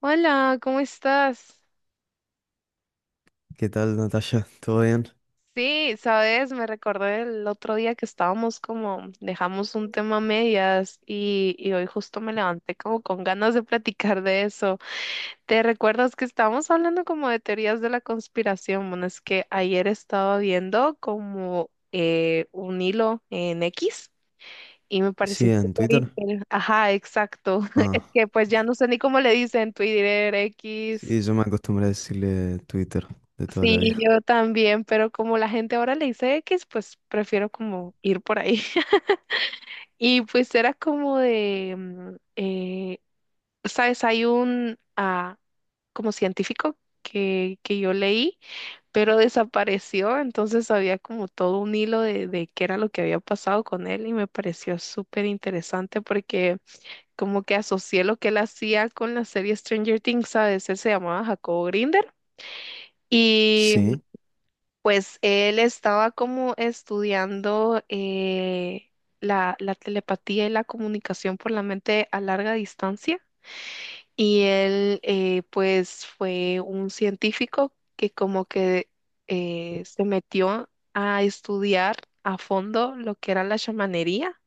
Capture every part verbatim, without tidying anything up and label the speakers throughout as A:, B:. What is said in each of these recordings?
A: Hola, ¿cómo estás?
B: ¿Qué tal, Natasha? ¿Todo bien?
A: Sí, sabes, me recordé el otro día que estábamos como, dejamos un tema a medias y, y hoy justo me levanté como con ganas de platicar de eso. ¿Te recuerdas que estábamos hablando como de teorías de la conspiración? Bueno, es que ayer estaba viendo como eh, un hilo en X y me
B: Sí,
A: pareció
B: en
A: súper
B: Twitter.
A: inter- Ajá, exacto.
B: Ah,
A: Es que pues ya no sé ni cómo le dicen Twitter, X.
B: sí, yo me acostumbré a decirle Twitter de toda la
A: Sí,
B: vida.
A: yo también, pero como la gente ahora le dice X, pues prefiero como ir por ahí. Y pues era como de, mm, eh, sabes, hay un ah, como científico que, que yo leí, pero desapareció. Entonces había como todo un hilo de, de qué era lo que había pasado con él y me pareció súper interesante porque como que asocié lo que él hacía con la serie Stranger Things, ¿sabes? Él se llamaba Jacobo Grinder, y
B: Sí,
A: pues él estaba como estudiando eh, la, la telepatía y la comunicación por la mente a larga distancia, y él eh, pues fue un científico que como que eh, se metió a estudiar a fondo lo que era la chamanería,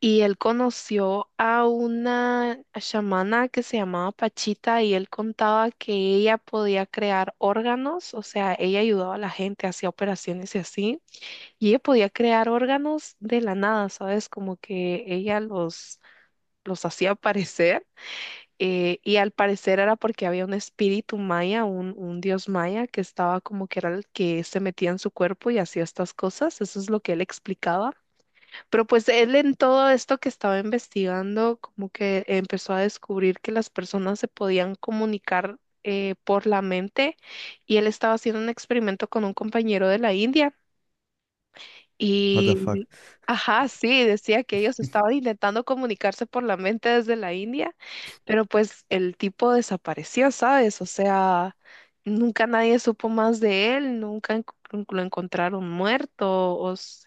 A: y él conoció a una chamana que se llamaba Pachita y él contaba que ella podía crear órganos. O sea, ella ayudaba a la gente, hacía operaciones y así, y ella podía crear órganos de la nada, ¿sabes? Como que ella los, los hacía aparecer. eh, y al parecer era porque había un espíritu maya, un, un dios maya que estaba como que era el que se metía en su cuerpo y hacía estas cosas. Eso es lo que él explicaba. Pero pues él en todo esto que estaba investigando, como que empezó a descubrir que las personas se podían comunicar eh, por la mente, y él estaba haciendo un experimento con un compañero de la India
B: what the fuck.
A: y, ajá, sí, decía que ellos estaban intentando comunicarse por la mente desde la India, pero pues el tipo desapareció, ¿sabes? O sea, nunca nadie supo más de él, nunca encu- lo encontraron muerto. o s-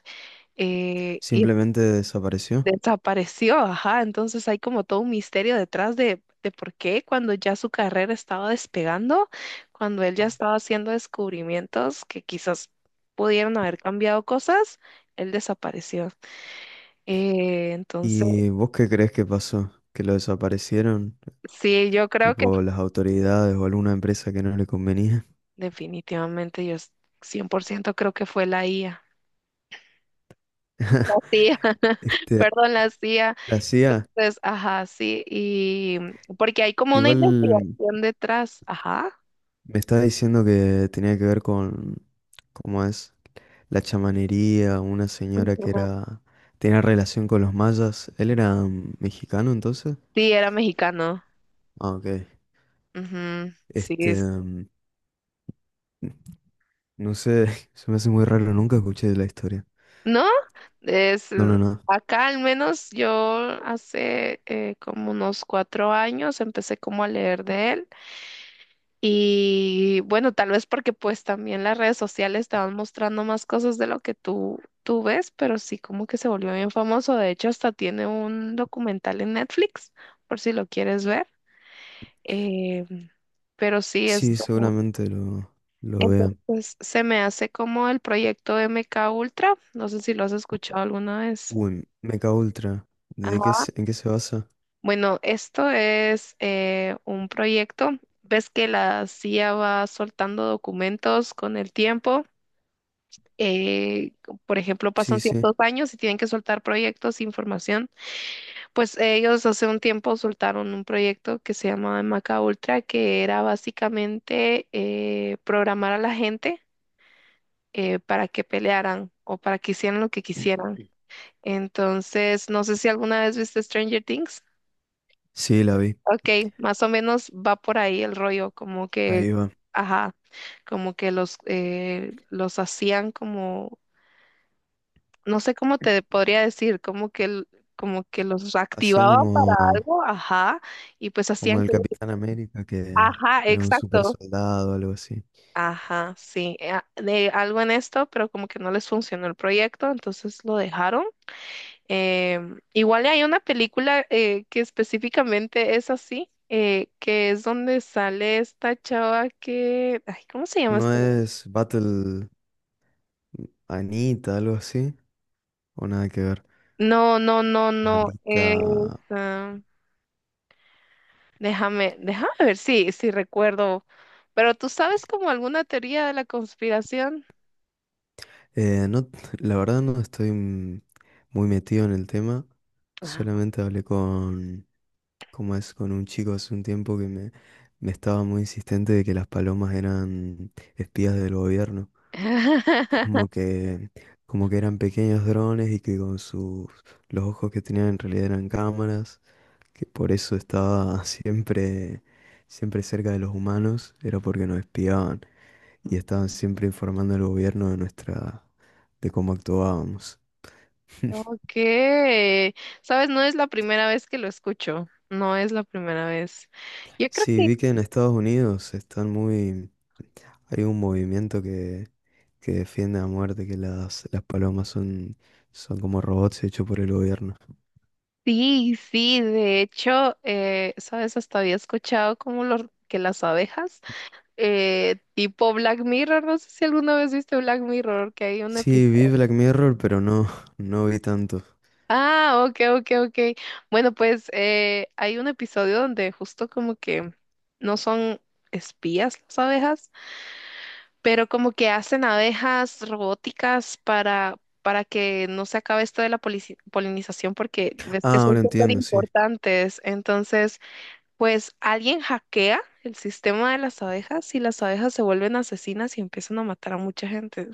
A: eh, y
B: Simplemente desapareció.
A: desapareció, ajá. Entonces hay como todo un misterio detrás de, de por qué cuando ya su carrera estaba despegando, cuando él ya estaba haciendo descubrimientos que quizás pudieron haber cambiado cosas, él desapareció. Eh, entonces,
B: ¿Y vos qué crees que pasó? ¿Que lo desaparecieron?
A: sí, yo creo que
B: Tipo las autoridades o alguna empresa que no le convenía.
A: definitivamente yo es- cien por ciento creo que fue la I A. La C I A,
B: Este,
A: perdón, la C I A.
B: la C I A.
A: Entonces, ajá, sí. Y porque hay como una
B: Igual
A: investigación detrás, ajá.
B: me está diciendo que tenía que ver con, ¿cómo es? La chamanería, una señora que
A: Ujú.
B: era, tenía relación con los mayas. ¿Él era mm, mexicano entonces?
A: Sí, era mexicano.
B: Ah, ok.
A: Ujú, sí,
B: Este,
A: es-
B: mm, no sé, se me hace muy raro, nunca escuché de la historia.
A: ¿no? Es,
B: No,
A: eh,
B: no, no.
A: Acá al menos yo hace eh, como unos cuatro años empecé como a leer de él, y bueno, tal vez porque pues también las redes sociales te van mostrando más cosas de lo que tú, tú ves, pero sí como que se volvió bien famoso. De hecho, hasta tiene un documental en Netflix por si lo quieres ver, eh, pero sí es
B: Sí,
A: como.
B: seguramente lo, lo vea.
A: Entonces se me hace como el proyecto M K Ultra. No sé si lo has escuchado alguna vez.
B: Uy, Mecha Ultra. ¿De qué
A: Ajá.
B: se- ¿en qué se basa?
A: Bueno, esto es eh, un proyecto. Ves que la C I A va soltando documentos con el tiempo. eh, por ejemplo, pasan
B: Sí, sí.
A: ciertos años y tienen que soltar proyectos, información. Pues ellos hace un tiempo soltaron un proyecto que se llamaba M K Ultra, que era básicamente eh, programar a la gente, eh, para que pelearan o para que hicieran lo que quisieran. Entonces, no sé si alguna vez viste Stranger Things.
B: Sí, la vi.
A: Ok, más o menos va por ahí el rollo, como que,
B: Ahí va.
A: ajá, como que los, eh, los hacían como, no sé cómo te podría decir, como que, l- como que los
B: Hacían
A: activaban para
B: como
A: algo, ajá, y pues
B: como
A: hacían
B: el
A: que,
B: Capitán América, que
A: ajá,
B: era un super
A: exacto.
B: soldado, algo así.
A: Ajá, sí, eh, a- de algo en esto, pero como que no les funcionó el proyecto, entonces lo dejaron. Em, igual hay una película eh, que específicamente es así, eh, que es donde sale esta chava que. Ay, ¿cómo se llama
B: ¿No
A: esta?
B: es Battle Anita, algo así? ¿O nada que ver?
A: No, no, no, no.
B: Alita.
A: es, ah, déjame, déjame ver si, si recuerdo. Pero tú sabes como alguna teoría de la conspiración.
B: Eh, no, la verdad no estoy mm, muy metido en el tema.
A: Ah.
B: Solamente hablé con, como es, con un chico hace un tiempo que me, me estaba muy insistente de que las palomas eran espías del gobierno, como que, como que eran pequeños drones, y que con sus, los ojos que tenían en realidad eran cámaras, que por eso estaba siempre, siempre cerca de los humanos, era porque nos espiaban y estaban siempre informando al gobierno de nuestra, de cómo actuábamos.
A: Ok, sabes, no es la primera vez que lo escucho, no es la primera vez. Yo creo.
B: Sí, vi que en Estados Unidos están muy... Hay un movimiento que, que defiende a muerte que las, las palomas son, son como robots hechos por el gobierno.
A: Sí, sí, de hecho, eh, sabes, hasta había escuchado como los, que las abejas, eh, tipo Black Mirror. No sé si alguna vez viste Black Mirror, que hay un
B: Sí, vi
A: episodio.
B: Black Mirror, pero no, no vi tanto.
A: Ah, ok, ok, ok. Bueno, pues eh, hay un episodio donde justo como que no son espías las abejas, pero como que hacen abejas robóticas para, para, que no se acabe esto de la polici- polinización, porque ves que
B: Ah,
A: son
B: ahora
A: súper
B: entiendo, sí.
A: importantes. Entonces. Pues alguien hackea el sistema de las abejas y las abejas se vuelven asesinas y empiezan a matar a mucha gente.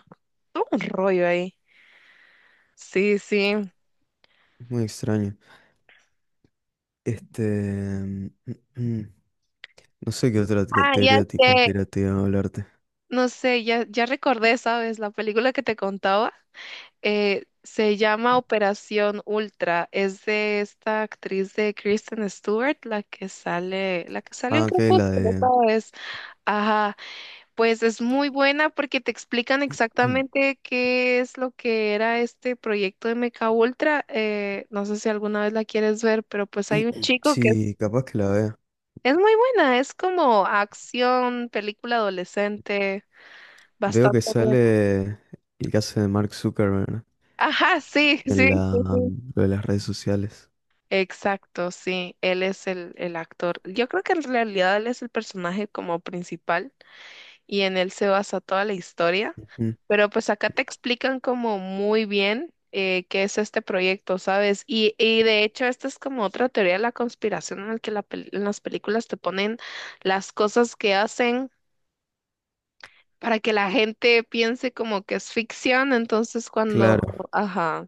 A: Todo un rollo ahí. Sí, sí.
B: Muy extraño. Este... mm, mm, mm. No sé qué otra co-
A: Ah, ya
B: teoría te-
A: sé.
B: Conspirativa hablarte.
A: No sé, ya, ya recordé, ¿sabes? La película que te contaba eh, se llama Operación Ultra. Es de esta actriz de Kristen Stewart, la que sale, la que salió en
B: Ah, que la
A: Crepúsculo,
B: de...
A: ¿sabes? Ajá. Pues es muy buena porque te explican exactamente qué es lo que era este proyecto de Mecha Ultra. eh, no sé si alguna vez la quieres ver, pero pues hay un chico que
B: Sí, capaz que la vea.
A: es muy buena. Es como acción, película adolescente,
B: Veo
A: bastante
B: que
A: buena.
B: sale el caso de Mark Zuckerberg, ¿no?
A: Ajá, sí,
B: En
A: sí, sí,
B: la,
A: sí.
B: mm, lo de las redes sociales.
A: Exacto, sí, él es el, el actor. Yo creo que en realidad él es el personaje como principal, y en él se basa toda la historia.
B: Ujú.
A: Pero pues acá te explican como muy bien eh, qué es este proyecto, ¿sabes? Y, y de hecho esta es como otra teoría de la conspiración en la que la pel- en las películas te ponen las cosas que hacen para que la gente piense como que es ficción. Entonces cuando,
B: Claro.
A: ajá,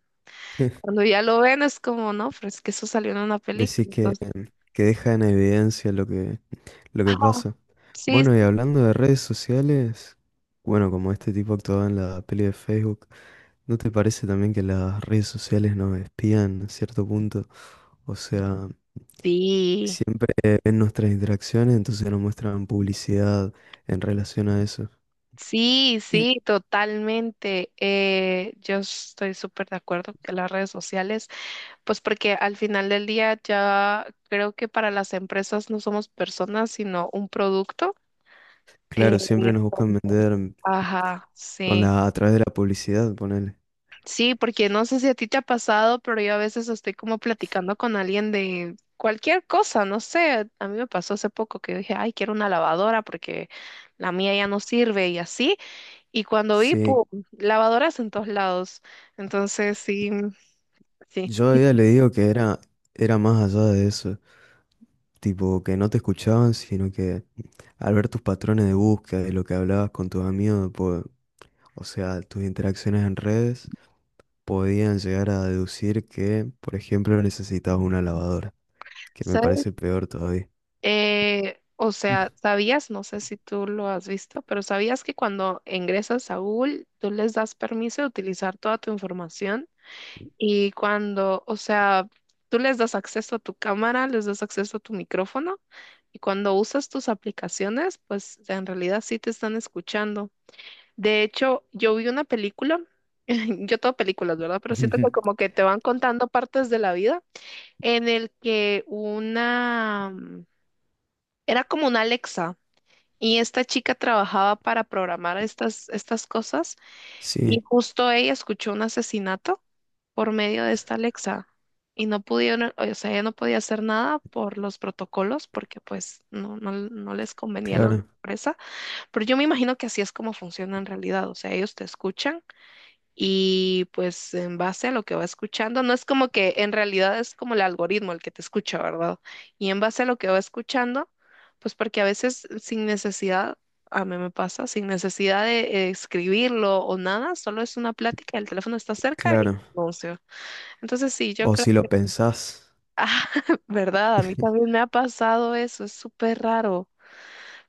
A: cuando ya lo ven es como, no, pero es que eso salió en una
B: Decís
A: película.
B: que,
A: Entonces,
B: que deja en evidencia lo que, lo que
A: ah,
B: pasa.
A: sí,
B: Bueno, y hablando de redes sociales, bueno, como este tipo actuaba en la peli de Facebook, ¿no te parece también que las redes sociales nos espían a cierto punto? O sea,
A: sí.
B: siempre ven nuestras interacciones, entonces nos muestran publicidad en relación a eso.
A: Sí,
B: Mm.
A: sí, totalmente. Eh, yo estoy súper de acuerdo que las redes sociales, pues porque al final del día ya creo que para las empresas no somos personas, sino un producto. Eh,
B: Claro, siempre nos
A: entonces,
B: buscan vender
A: ajá,
B: con
A: sí.
B: la, a través de la publicidad, ponele.
A: Sí, porque no sé si a ti te ha pasado, pero yo a veces estoy como platicando con alguien de cualquier cosa, no sé. A mí me pasó hace poco que dije, ay, quiero una lavadora porque la mía ya no sirve y así. Y cuando vi, ¡pum!
B: Sí,
A: Lavadoras en todos lados. Entonces, sí, sí.
B: yo a ella le digo que era, era más allá de eso, tipo que no te escuchaban, sino que al ver tus patrones de búsqueda, de lo que hablabas con tus amigos, po- o sea, tus interacciones en redes, podían llegar a deducir que, por ejemplo, necesitabas una lavadora, que me
A: ¿Sabes?
B: parece peor todavía.
A: Eh, o sea, ¿sabías? No sé si tú lo has visto, pero ¿sabías que cuando ingresas a Google, tú les das permiso de utilizar toda tu información? Y cuando, o sea, tú les das acceso a tu cámara, les das acceso a tu micrófono, y cuando usas tus aplicaciones, pues en realidad sí te están escuchando. De hecho, yo vi una película, yo todo películas, ¿verdad? Pero siento que como que te van contando partes de la vida en el que una, mm, era como una Alexa y esta chica trabajaba para programar estas, estas cosas y
B: Sí,
A: justo ella escuchó un asesinato por medio de esta Alexa, y no pudieron, o sea, ella no podía hacer nada por los protocolos porque pues no, no, no les convenía a la
B: claro,
A: empresa, pero yo me imagino que así es como funciona en realidad. O sea, ellos te escuchan y pues en base a lo que va escuchando, no es como que en realidad es como el algoritmo el que te escucha, ¿verdad? Y en base a lo que va escuchando, pues porque a veces sin necesidad, a mí me pasa, sin necesidad de eh, escribirlo o nada, solo es una plática, el teléfono está cerca y
B: claro.
A: anuncio. Entonces sí, yo
B: O
A: creo
B: si lo
A: que,
B: pensás,
A: ah, ¿verdad? A mí también me ha pasado eso, es súper raro,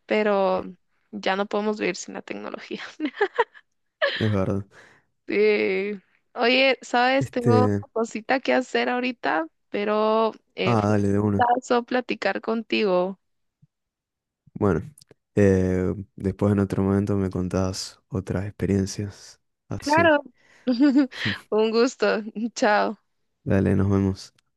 A: pero ya no podemos vivir sin la tecnología.
B: es verdad.
A: Eh, oye, ¿sabes? Tengo
B: Este,
A: una cosita que hacer ahorita, pero eh,
B: ah,
A: fue un
B: dale, de una.
A: gustazo platicar contigo.
B: Bueno, eh, después en otro momento me contás otras experiencias. Así.
A: Claro. Un gusto. Chao.
B: Dale, nos vemos.